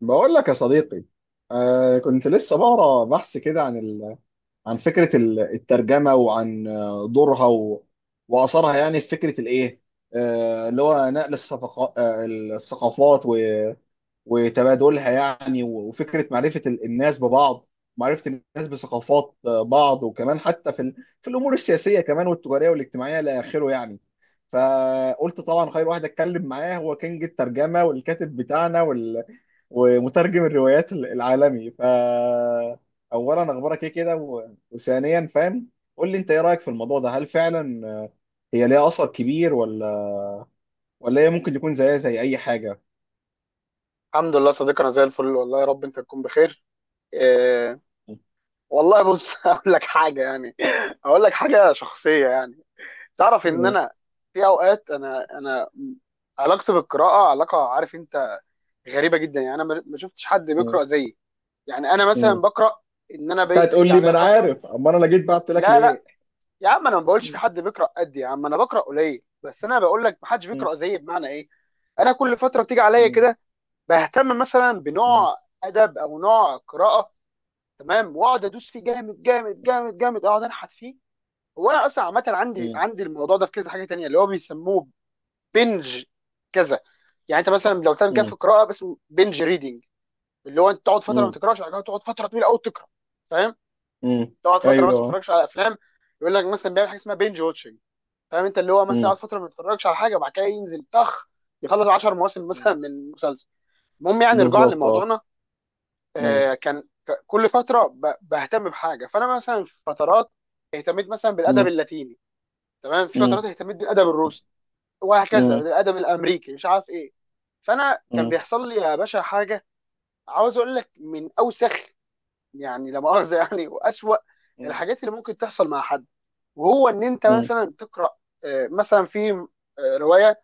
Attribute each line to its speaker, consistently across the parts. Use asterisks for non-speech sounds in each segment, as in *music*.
Speaker 1: بقول لك يا صديقي. كنت لسه بقرا بحث كده عن عن فكره الترجمه، وعن دورها واثرها، يعني في فكره الايه، اللي هو نقل الصفق... آه الثقافات وتبادلها يعني، وفكره معرفه الناس ببعض، معرفه الناس بثقافات بعض، وكمان حتى في في الامور السياسيه كمان، والتجاريه والاجتماعيه الى اخره يعني. فقلت طبعا خير، واحد اتكلم معاه هو كينج الترجمه والكاتب بتاعنا ومترجم الروايات العالمي. ف اولا اخبارك ايه كده، وثانيا فاهم، قول لي انت ايه رايك في الموضوع ده. هل فعلا هي ليها اثر كبير، ولا هي ممكن يكون زيها زي اي حاجه؟
Speaker 2: الحمد لله صديقي، انا زي الفل. والله يا رب انت تكون بخير. إيه. والله بص *laughs* اقول لك حاجه يعني. اقول لك حاجه شخصيه يعني. تعرف ان
Speaker 1: م-
Speaker 2: انا في اوقات انا علاقتي بالقراءه علاقه، عارف انت، غريبه جدا. يعني انا ما شفتش حد
Speaker 1: م-
Speaker 2: بيقرا زيي. يعني انا مثلا
Speaker 1: م.
Speaker 2: بقرا، ان انا
Speaker 1: انت هتقول
Speaker 2: بيجي
Speaker 1: لي ما
Speaker 2: عليا
Speaker 1: انا
Speaker 2: فتره.
Speaker 1: عارف، اما انا لا جيت بعت لك
Speaker 2: لا لا،
Speaker 1: ليه.
Speaker 2: يا عم انا ما بقولش في
Speaker 1: م-
Speaker 2: حد بيقرا قدي. يا عم انا بقرا قليل، بس انا بقول لك ما حدش
Speaker 1: م-
Speaker 2: بيقرا زيي. بمعنى ايه؟ انا كل فتره بتيجي عليا
Speaker 1: م-
Speaker 2: كده بهتم مثلا
Speaker 1: م-
Speaker 2: بنوع ادب او نوع قراءه. تمام، واقعد ادوس فيه جامد جامد جامد جامد، اقعد انحت فيه. هو انا اصلا عامه عندي
Speaker 1: م-
Speaker 2: عندي الموضوع ده في كذا حاجه تانية، اللي هو بيسموه بنج كذا. يعني انت مثلا لو تعمل كده في
Speaker 1: م-
Speaker 2: القراءه بس، بنج ريدنج. اللي هو انت تقعد فتره ما
Speaker 1: م-
Speaker 2: تقراش، بعد كده تقعد فتره طويله قوي تقرا. فاهم.
Speaker 1: م.
Speaker 2: تقعد فتره مثلا ما
Speaker 1: ايوه.
Speaker 2: تتفرجش على افلام. يقول لك مثلا بيعمل حاجه اسمها بنج واتشنج. فاهم انت، اللي هو مثلا
Speaker 1: م-
Speaker 2: يقعد فتره ما يتفرجش على حاجه، وبعد كده ينزل طخ، يخلص 10 مواسم
Speaker 1: م.
Speaker 2: مثلا من مسلسل. المهم يعني رجوعا
Speaker 1: بالظبط، اه.
Speaker 2: لموضوعنا،
Speaker 1: م-
Speaker 2: كان كل فتره بهتم بحاجه. فانا مثلا في فترات اهتميت مثلا بالادب
Speaker 1: م-
Speaker 2: اللاتيني، تمام. في
Speaker 1: م-
Speaker 2: فترات اهتميت بالادب
Speaker 1: م-
Speaker 2: الروسي، وهكذا
Speaker 1: م-
Speaker 2: بالادب الامريكي مش عارف ايه. فانا كان
Speaker 1: م-
Speaker 2: بيحصل لي يا باشا حاجه، عاوز اقول لك من اوسخ، يعني لا مؤاخذه، *laughs* يعني واسوأ
Speaker 1: م-
Speaker 2: الحاجات اللي ممكن تحصل مع حد. وهو ان انت
Speaker 1: م-
Speaker 2: مثلا تقرا مثلا في روايه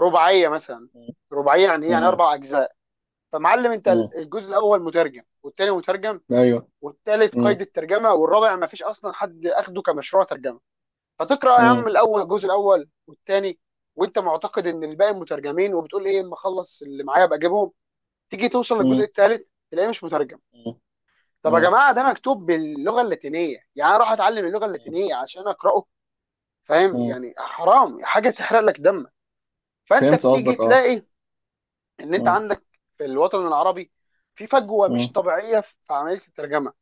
Speaker 2: رباعيه مثلا. رباعيه يعني ايه؟ يعني
Speaker 1: م.
Speaker 2: 4 اجزاء. فمعلم انت،
Speaker 1: م.
Speaker 2: الجزء الاول مترجم والثاني مترجم
Speaker 1: ايوه.
Speaker 2: والثالث
Speaker 1: مم.
Speaker 2: قيد الترجمه والرابع ما فيش اصلا حد اخده كمشروع ترجمه. فتقرا يا عم
Speaker 1: مم.
Speaker 2: الاول الجزء الاول والثاني وانت معتقد ان الباقي مترجمين، وبتقول ايه اما اخلص اللي معايا ابقى اجيبهم. تيجي توصل للجزء
Speaker 1: مم.
Speaker 2: الثالث تلاقيه مش مترجم.
Speaker 1: مم.
Speaker 2: طب يا
Speaker 1: مم.
Speaker 2: جماعه، ده مكتوب باللغه اللاتينيه، يعني أنا اروح اتعلم اللغه اللاتينيه عشان اقراه؟ فاهم
Speaker 1: مم.
Speaker 2: يعني، حرام حاجه تحرق لك دمك. فانت
Speaker 1: فهمت
Speaker 2: بتيجي
Speaker 1: قصدك، اه.
Speaker 2: تلاقي ان انت عندك في الوطن العربي في فجوه
Speaker 1: مم.
Speaker 2: مش طبيعيه في عمليه الترجمه.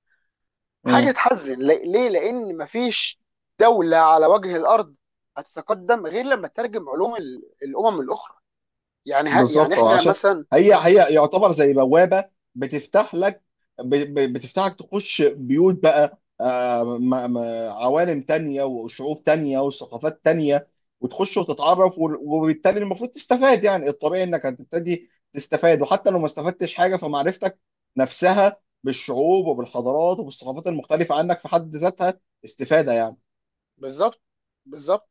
Speaker 2: حاجه
Speaker 1: مم.
Speaker 2: تحزن، ليه؟ لان مفيش دوله على وجه الارض هتتقدم غير لما تترجم علوم الامم الاخرى. يعني ها، يعني
Speaker 1: بالظبط، اه.
Speaker 2: احنا
Speaker 1: عشان
Speaker 2: مثلا.
Speaker 1: هي يعتبر زي بوابه بتفتح لك، بتفتحك تخش بيوت بقى، عوالم تانية وشعوب تانية وثقافات تانية، وتخش وتتعرف، وبالتالي المفروض تستفاد. يعني الطبيعي انك هتبتدي تستفاد، وحتى لو ما استفدتش حاجة فمعرفتك نفسها بالشعوب وبالحضارات وبالثقافات المختلفة عنك في حد ذاتها استفادة.
Speaker 2: بالظبط بالظبط.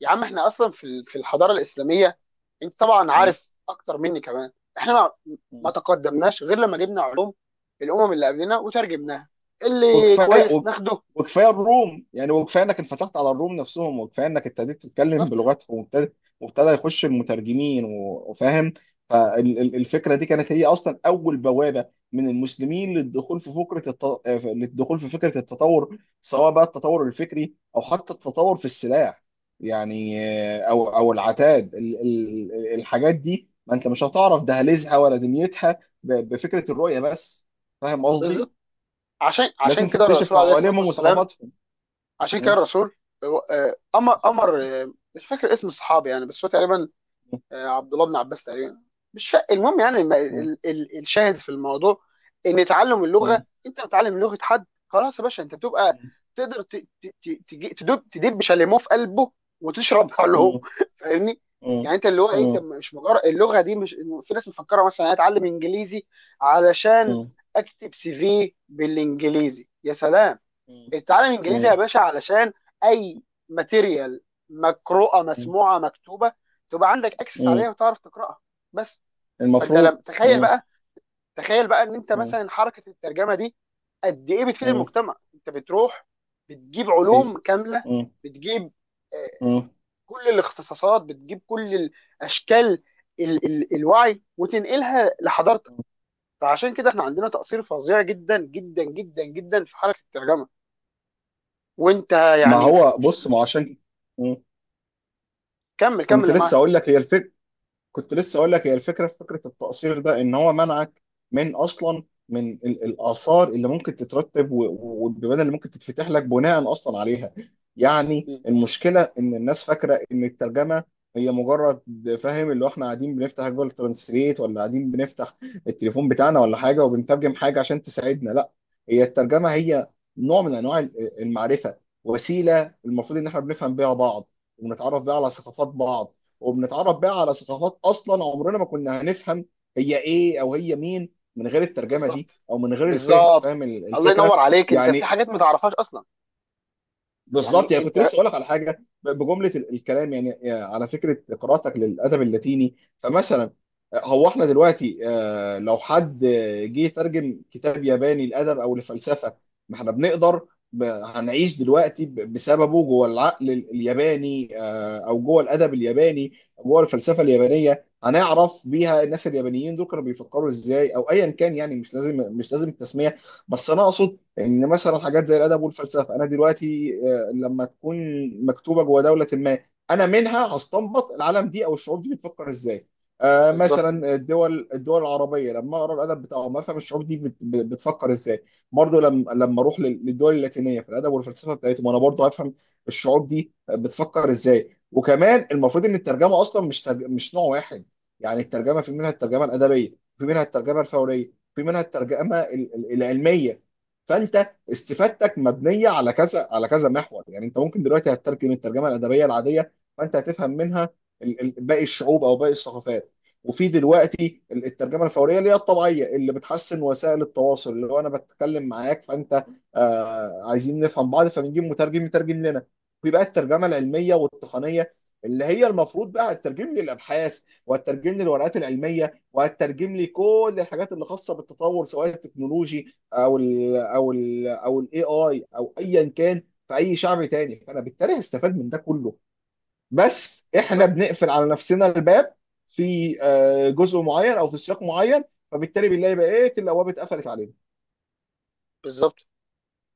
Speaker 2: يا عم احنا اصلا في في الحضاره الاسلاميه، انت طبعا
Speaker 1: يعني
Speaker 2: عارف اكتر مني كمان، احنا ما تقدمناش غير لما جبنا علوم الامم اللي قبلنا وترجمناها. اللي
Speaker 1: وكفايه،
Speaker 2: كويس ناخده.
Speaker 1: وكفايه الروم، يعني وكفايه انك انفتحت على الروم نفسهم، وكفايه انك ابتديت تتكلم
Speaker 2: بالظبط
Speaker 1: بلغتهم، وابتدى يخش المترجمين، وفاهم. فالفكره دي كانت هي اصلا اول بوابه من المسلمين للدخول في فكره الت... آه، للدخول في فكره التطور، سواء بقى التطور الفكري او حتى التطور في السلاح يعني، او العتاد، الحاجات دي ما انت مش هتعرف دهاليزها ولا دنيتها بفكره الرؤيه بس. فاهم قصدي؟
Speaker 2: بالظبط. عشان
Speaker 1: لازم
Speaker 2: كده الرسول
Speaker 1: تكتشف
Speaker 2: عليه الصلاه
Speaker 1: عوالمهم
Speaker 2: والسلام،
Speaker 1: وثقافاتهم.
Speaker 2: عشان كده
Speaker 1: مم.
Speaker 2: الرسول امر مش فاكر اسم الصحابي يعني، بس هو تقريبا عبد الله بن عباس تقريبا، مش فا- المهم يعني،
Speaker 1: مم.
Speaker 2: الشاهد في الموضوع ان تعلم اللغه،
Speaker 1: مم.
Speaker 2: انت بتتعلم لغه حد، خلاص يا باشا انت بتبقى تقدر تدب شاليمو في قلبه، وتشرب علوم
Speaker 1: مم.
Speaker 2: *laughs* فاهمني.
Speaker 1: مم.
Speaker 2: يعني انت اللي هو ايه، انت
Speaker 1: مم.
Speaker 2: مش مجرد اللغه دي مش، في ناس مفكره مثلا انا اتعلم انجليزي علشان
Speaker 1: مم.
Speaker 2: اكتب سي في بالانجليزي. يا سلام. اتعلم انجليزي يا
Speaker 1: مم.
Speaker 2: باشا علشان اي ماتيريال مقروءه
Speaker 1: مم.
Speaker 2: مسموعه مكتوبه تبقى عندك اكسس
Speaker 1: مم.
Speaker 2: عليها وتعرف تقراها بس. فانت لم
Speaker 1: المفروض.
Speaker 2: تخيل
Speaker 1: مم.
Speaker 2: بقى، تخيل بقى ان انت
Speaker 1: مم.
Speaker 2: مثلا حركه الترجمه دي قد ايه بتفيد
Speaker 1: مم.
Speaker 2: المجتمع. انت بتروح بتجيب
Speaker 1: ايوه.
Speaker 2: علوم كامله،
Speaker 1: مم.
Speaker 2: بتجيب آه،
Speaker 1: مم.
Speaker 2: كل الاختصاصات، بتجيب كل الاشكال ال ال الوعي وتنقلها لحضارتك. فعشان كده احنا عندنا تقصير فظيع جدا جدا جدا جدا في حركه الترجمه. وانت
Speaker 1: ما
Speaker 2: يعني
Speaker 1: هو
Speaker 2: مش
Speaker 1: بص، ما هو
Speaker 2: مش
Speaker 1: عشان. مم.
Speaker 2: كمل كمل
Speaker 1: كنت
Speaker 2: اللي
Speaker 1: لسه
Speaker 2: معاك.
Speaker 1: اقول لك هي الفكره كنت لسه اقول لك هي الفكره في فكره التقصير ده، ان هو منعك من اصلا من الاثار اللي ممكن تترتب، والبيبان اللي ممكن تتفتح لك بناء اصلا عليها. يعني
Speaker 2: مم.
Speaker 1: المشكله ان الناس فاكره ان الترجمه هي مجرد، فاهم، اللي هو احنا قاعدين بنفتح جوجل ترانسليت، ولا قاعدين بنفتح التليفون بتاعنا ولا حاجه وبنترجم حاجه عشان تساعدنا. لا، هي الترجمه هي نوع من انواع المعرفه، وسيله المفروض ان احنا بنفهم بيها بعض، ونتعرف بيها على ثقافات بعض، وبنتعرف بقى على ثقافات اصلا عمرنا ما كنا هنفهم هي ايه او هي مين من غير الترجمه
Speaker 2: بالظبط
Speaker 1: دي، او من غير الفهم.
Speaker 2: بالظبط.
Speaker 1: فاهم
Speaker 2: الله ينور
Speaker 1: الفكره؟
Speaker 2: عليك، انت في
Speaker 1: يعني
Speaker 2: حاجات ما تعرفهاش اصلا،
Speaker 1: بالظبط.
Speaker 2: يعني
Speaker 1: يعني كنت
Speaker 2: انت.
Speaker 1: لسه اقول لك على حاجه، بجمله الكلام يعني، يعني على فكره قراءتك للادب اللاتيني، فمثلا هو احنا دلوقتي، لو حد جه يترجم كتاب ياباني لادب او لفلسفه، ما احنا بنقدر، هنعيش دلوقتي بسببه جوه العقل الياباني، او جوه الادب الياباني، جوه الفلسفه اليابانيه، هنعرف بيها الناس اليابانيين دول كانوا بيفكروا ازاي، او ايا كان، يعني مش لازم مش لازم التسميه. بس انا اقصد ان مثلا حاجات زي الادب والفلسفه، انا دلوقتي لما تكون مكتوبه جوه دوله ما، انا منها هستنبط العالم دي او الشعوب دي بتفكر ازاي.
Speaker 2: بالظبط
Speaker 1: مثلا الدول العربيه لما اقرا الادب بتاعهم افهم الشعوب دي بتفكر ازاي. برضه لما اروح للدول اللاتينيه، في الادب والفلسفه بتاعتهم انا برضه هفهم الشعوب دي بتفكر ازاي. وكمان المفروض ان الترجمه اصلا مش نوع واحد. يعني الترجمه في منها الترجمه الادبيه، في منها الترجمه الفوريه، في منها الترجمه العلميه. فانت استفادتك مبنيه على كذا، على كذا محور. يعني انت ممكن دلوقتي هتترجم الترجمه الادبيه العاديه، فانت هتفهم منها باقي الشعوب او باقي الثقافات. وفي دلوقتي الترجمه الفوريه اللي هي الطبيعيه، اللي بتحسن وسائل التواصل، اللي هو انا بتكلم معاك فانت، عايزين نفهم بعض فبنجيب مترجم يترجم لنا. في بقى الترجمه العلميه والتقنيه، اللي هي المفروض بقى هتترجم لي الابحاث، وهتترجم لي الورقات العلميه، وهتترجم لي كل الحاجات اللي خاصه بالتطور، سواء التكنولوجي او الاي اي، او ايا كان في اي شعب تاني، فانا بالتالي هستفاد من ده كله. بس احنا
Speaker 2: بالظبط
Speaker 1: بنقفل على نفسنا الباب في جزء معين، او في سياق معين، فبالتالي بنلاقي بقيه الابواب اتقفلت علينا.
Speaker 2: بالظبط.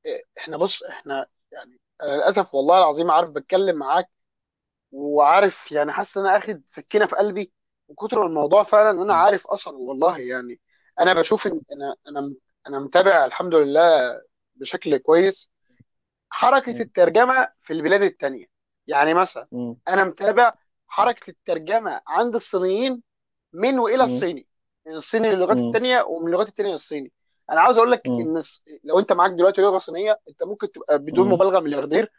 Speaker 2: إيه، احنا بص احنا، يعني انا للاسف والله العظيم، عارف بتكلم معاك، وعارف يعني حاسس ان انا اخد سكينه في قلبي، وكتر ما الموضوع فعلا إن انا
Speaker 1: مم.
Speaker 2: عارف اصلا والله يعني، انا بشوف ان انا متابع الحمد لله بشكل كويس حركة
Speaker 1: مم.
Speaker 2: الترجمة في البلاد التانية. يعني مثلا
Speaker 1: مم.
Speaker 2: أنا متابع حركة الترجمة عند الصينيين، من وإلى
Speaker 1: مم.
Speaker 2: الصيني، من الصيني للغات
Speaker 1: مم.
Speaker 2: التانية ومن اللغات التانية للصيني. أنا عاوز أقول لك
Speaker 1: مم.
Speaker 2: إن لو أنت معاك دلوقتي لغة صينية، أنت ممكن تبقى بدون
Speaker 1: مم.
Speaker 2: مبالغة ملياردير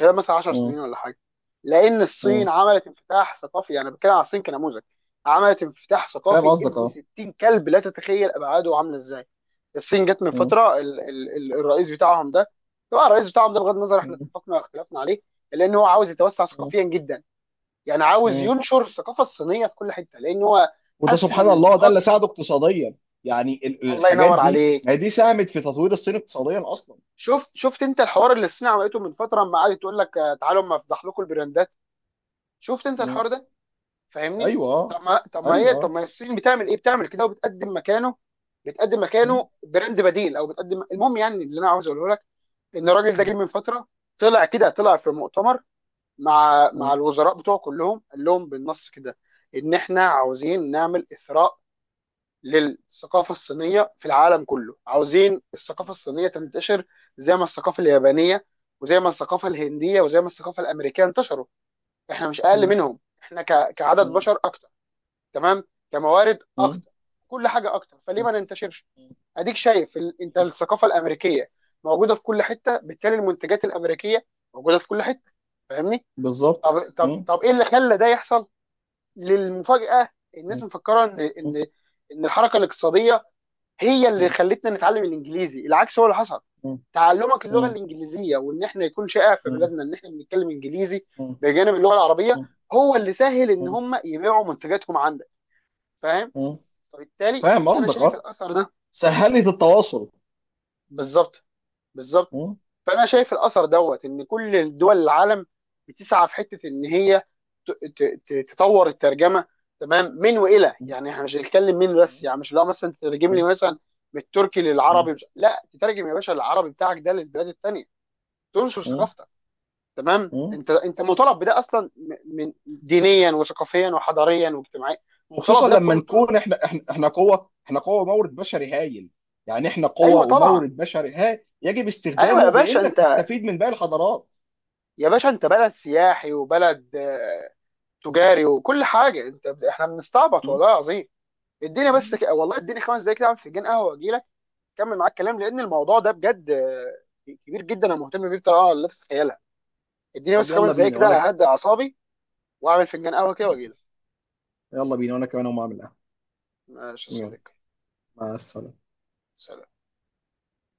Speaker 2: خلال مثلا 10 سنين
Speaker 1: مم.
Speaker 2: ولا حاجه. لان الصين
Speaker 1: مم.
Speaker 2: عملت انفتاح ثقافي، يعني بتكلم على الصين كنموذج، عملت انفتاح
Speaker 1: فاهم
Speaker 2: ثقافي
Speaker 1: قصدك،
Speaker 2: ابن
Speaker 1: اه.
Speaker 2: 60 كلب لا تتخيل ابعاده عامله ازاي. الصين جت من
Speaker 1: مم.
Speaker 2: فتره ال ال ال الرئيس بتاعهم ده، طبعا الرئيس بتاعهم ده بغض النظر احنا
Speaker 1: مم.
Speaker 2: اتفقنا واختلفنا عليه، لان هو عاوز يتوسع ثقافيا جدا. يعني عاوز
Speaker 1: مم.
Speaker 2: ينشر الثقافه الصينيه في كل حته، لان هو
Speaker 1: وده
Speaker 2: حس
Speaker 1: سبحان
Speaker 2: ان
Speaker 1: الله ده
Speaker 2: الفتره.
Speaker 1: اللي ساعده اقتصاديا. يعني
Speaker 2: الله
Speaker 1: الحاجات
Speaker 2: ينور
Speaker 1: دي،
Speaker 2: عليك.
Speaker 1: ما هي دي ساهمت في تطوير الصين اقتصاديا اصلا.
Speaker 2: شفت انت الحوار اللي الصين عملته من فتره، لما قعدت تقول لك تعالوا اما افضح لكم البراندات. شفت انت الحوار ده؟ فاهمني.
Speaker 1: ايوه ايوه،
Speaker 2: طب
Speaker 1: آه.
Speaker 2: ما الصين بتعمل ايه؟ بتعمل كده وبتقدم مكانه. بتقدم
Speaker 1: م-
Speaker 2: مكانه براند بديل او بتقدم، المهم يعني اللي انا عاوز اقوله لك ان الراجل ده
Speaker 1: م-
Speaker 2: جه من فتره، طلع كده طلع في مؤتمر مع
Speaker 1: م-
Speaker 2: الوزراء بتوعه كلهم قال لهم بالنص كده ان احنا عاوزين نعمل اثراء للثقافه الصينيه في العالم كله. عاوزين الثقافه الصينيه تنتشر زي ما الثقافه اليابانيه وزي ما الثقافه الهنديه وزي ما الثقافه الامريكيه انتشروا. احنا مش اقل
Speaker 1: م-
Speaker 2: منهم، احنا كعدد
Speaker 1: م-
Speaker 2: بشر اكتر، تمام، كموارد
Speaker 1: م-
Speaker 2: اكتر، كل حاجه اكتر، فليه
Speaker 1: م-
Speaker 2: ما ننتشرش. اديك شايف انت
Speaker 1: م-
Speaker 2: الثقافه الامريكيه موجوده في كل حته، بالتالي المنتجات الامريكيه موجوده في كل حته. فاهمني.
Speaker 1: بالظبط. م-
Speaker 2: طب ايه اللي خلى ده يحصل، للمفاجاه. الناس
Speaker 1: م-
Speaker 2: مفكره ان
Speaker 1: م-
Speaker 2: ان ان الحركه الاقتصاديه هي اللي
Speaker 1: م-
Speaker 2: خلتنا نتعلم الانجليزي. العكس هو اللي حصل،
Speaker 1: م-
Speaker 2: تعلمك اللغه
Speaker 1: م-
Speaker 2: الانجليزيه، وان احنا يكون شائع في
Speaker 1: م-
Speaker 2: بلادنا ان احنا بنتكلم انجليزي
Speaker 1: م-
Speaker 2: بجانب اللغه العربيه،
Speaker 1: م-
Speaker 2: هو اللي سهل ان
Speaker 1: م-
Speaker 2: هم يبيعوا منتجاتهم عندك. فاهم.
Speaker 1: م.
Speaker 2: فبالتالي
Speaker 1: فاهم
Speaker 2: انا
Speaker 1: قصدك،
Speaker 2: شايف
Speaker 1: اه.
Speaker 2: الاثر ده.
Speaker 1: سهلت التواصل.
Speaker 2: بالظبط بالظبط.
Speaker 1: م-
Speaker 2: فانا شايف الاثر دوت ان كل دول العالم بتسعى في حته ان هي تطور الترجمه، تمام، من والى.
Speaker 1: م-
Speaker 2: يعني احنا مش هنتكلم من بس،
Speaker 1: م-
Speaker 2: يعني مش، لا مثلا تترجم لي مثلا من التركي
Speaker 1: م-
Speaker 2: للعربي، مش... لا تترجم يا باشا العربي بتاعك ده للبلاد الثانيه، تنشر
Speaker 1: م-
Speaker 2: ثقافتك. تمام،
Speaker 1: م.
Speaker 2: انت مطالب بده اصلا، من دينيا وثقافيا وحضاريا واجتماعيا. مطالب
Speaker 1: وخصوصا
Speaker 2: بده
Speaker 1: لما
Speaker 2: بكل الطرق.
Speaker 1: نكون احنا قوه مورد بشري هايل. يعني احنا قوه
Speaker 2: ايوه طبعا.
Speaker 1: ومورد بشري هايل يجب
Speaker 2: ايوه يا
Speaker 1: استخدامه
Speaker 2: باشا
Speaker 1: بانك
Speaker 2: انت،
Speaker 1: تستفيد من باقي الحضارات.
Speaker 2: يا باشا انت بلد سياحي وبلد تجاري وكل حاجه، انت احنا بنستعبط والله العظيم. اديني بس
Speaker 1: م.
Speaker 2: والله اديني 5 دقايق كده اعمل فنجان قهوه واجي لك، اكمل معاك كلام، لان الموضوع ده بجد كبير جدا، انا مهتم بيه بطريقه لا تتخيلها. اديني بس
Speaker 1: طب
Speaker 2: 5 دقايق كده اهدى اعصابي واعمل فنجان قهوه كده واجي لك.
Speaker 1: يلا بينا وانا كمان اقوم اعمل قهوة.
Speaker 2: ماشي يا
Speaker 1: يلا.
Speaker 2: صديقي.
Speaker 1: مع السلامة.
Speaker 2: سلام.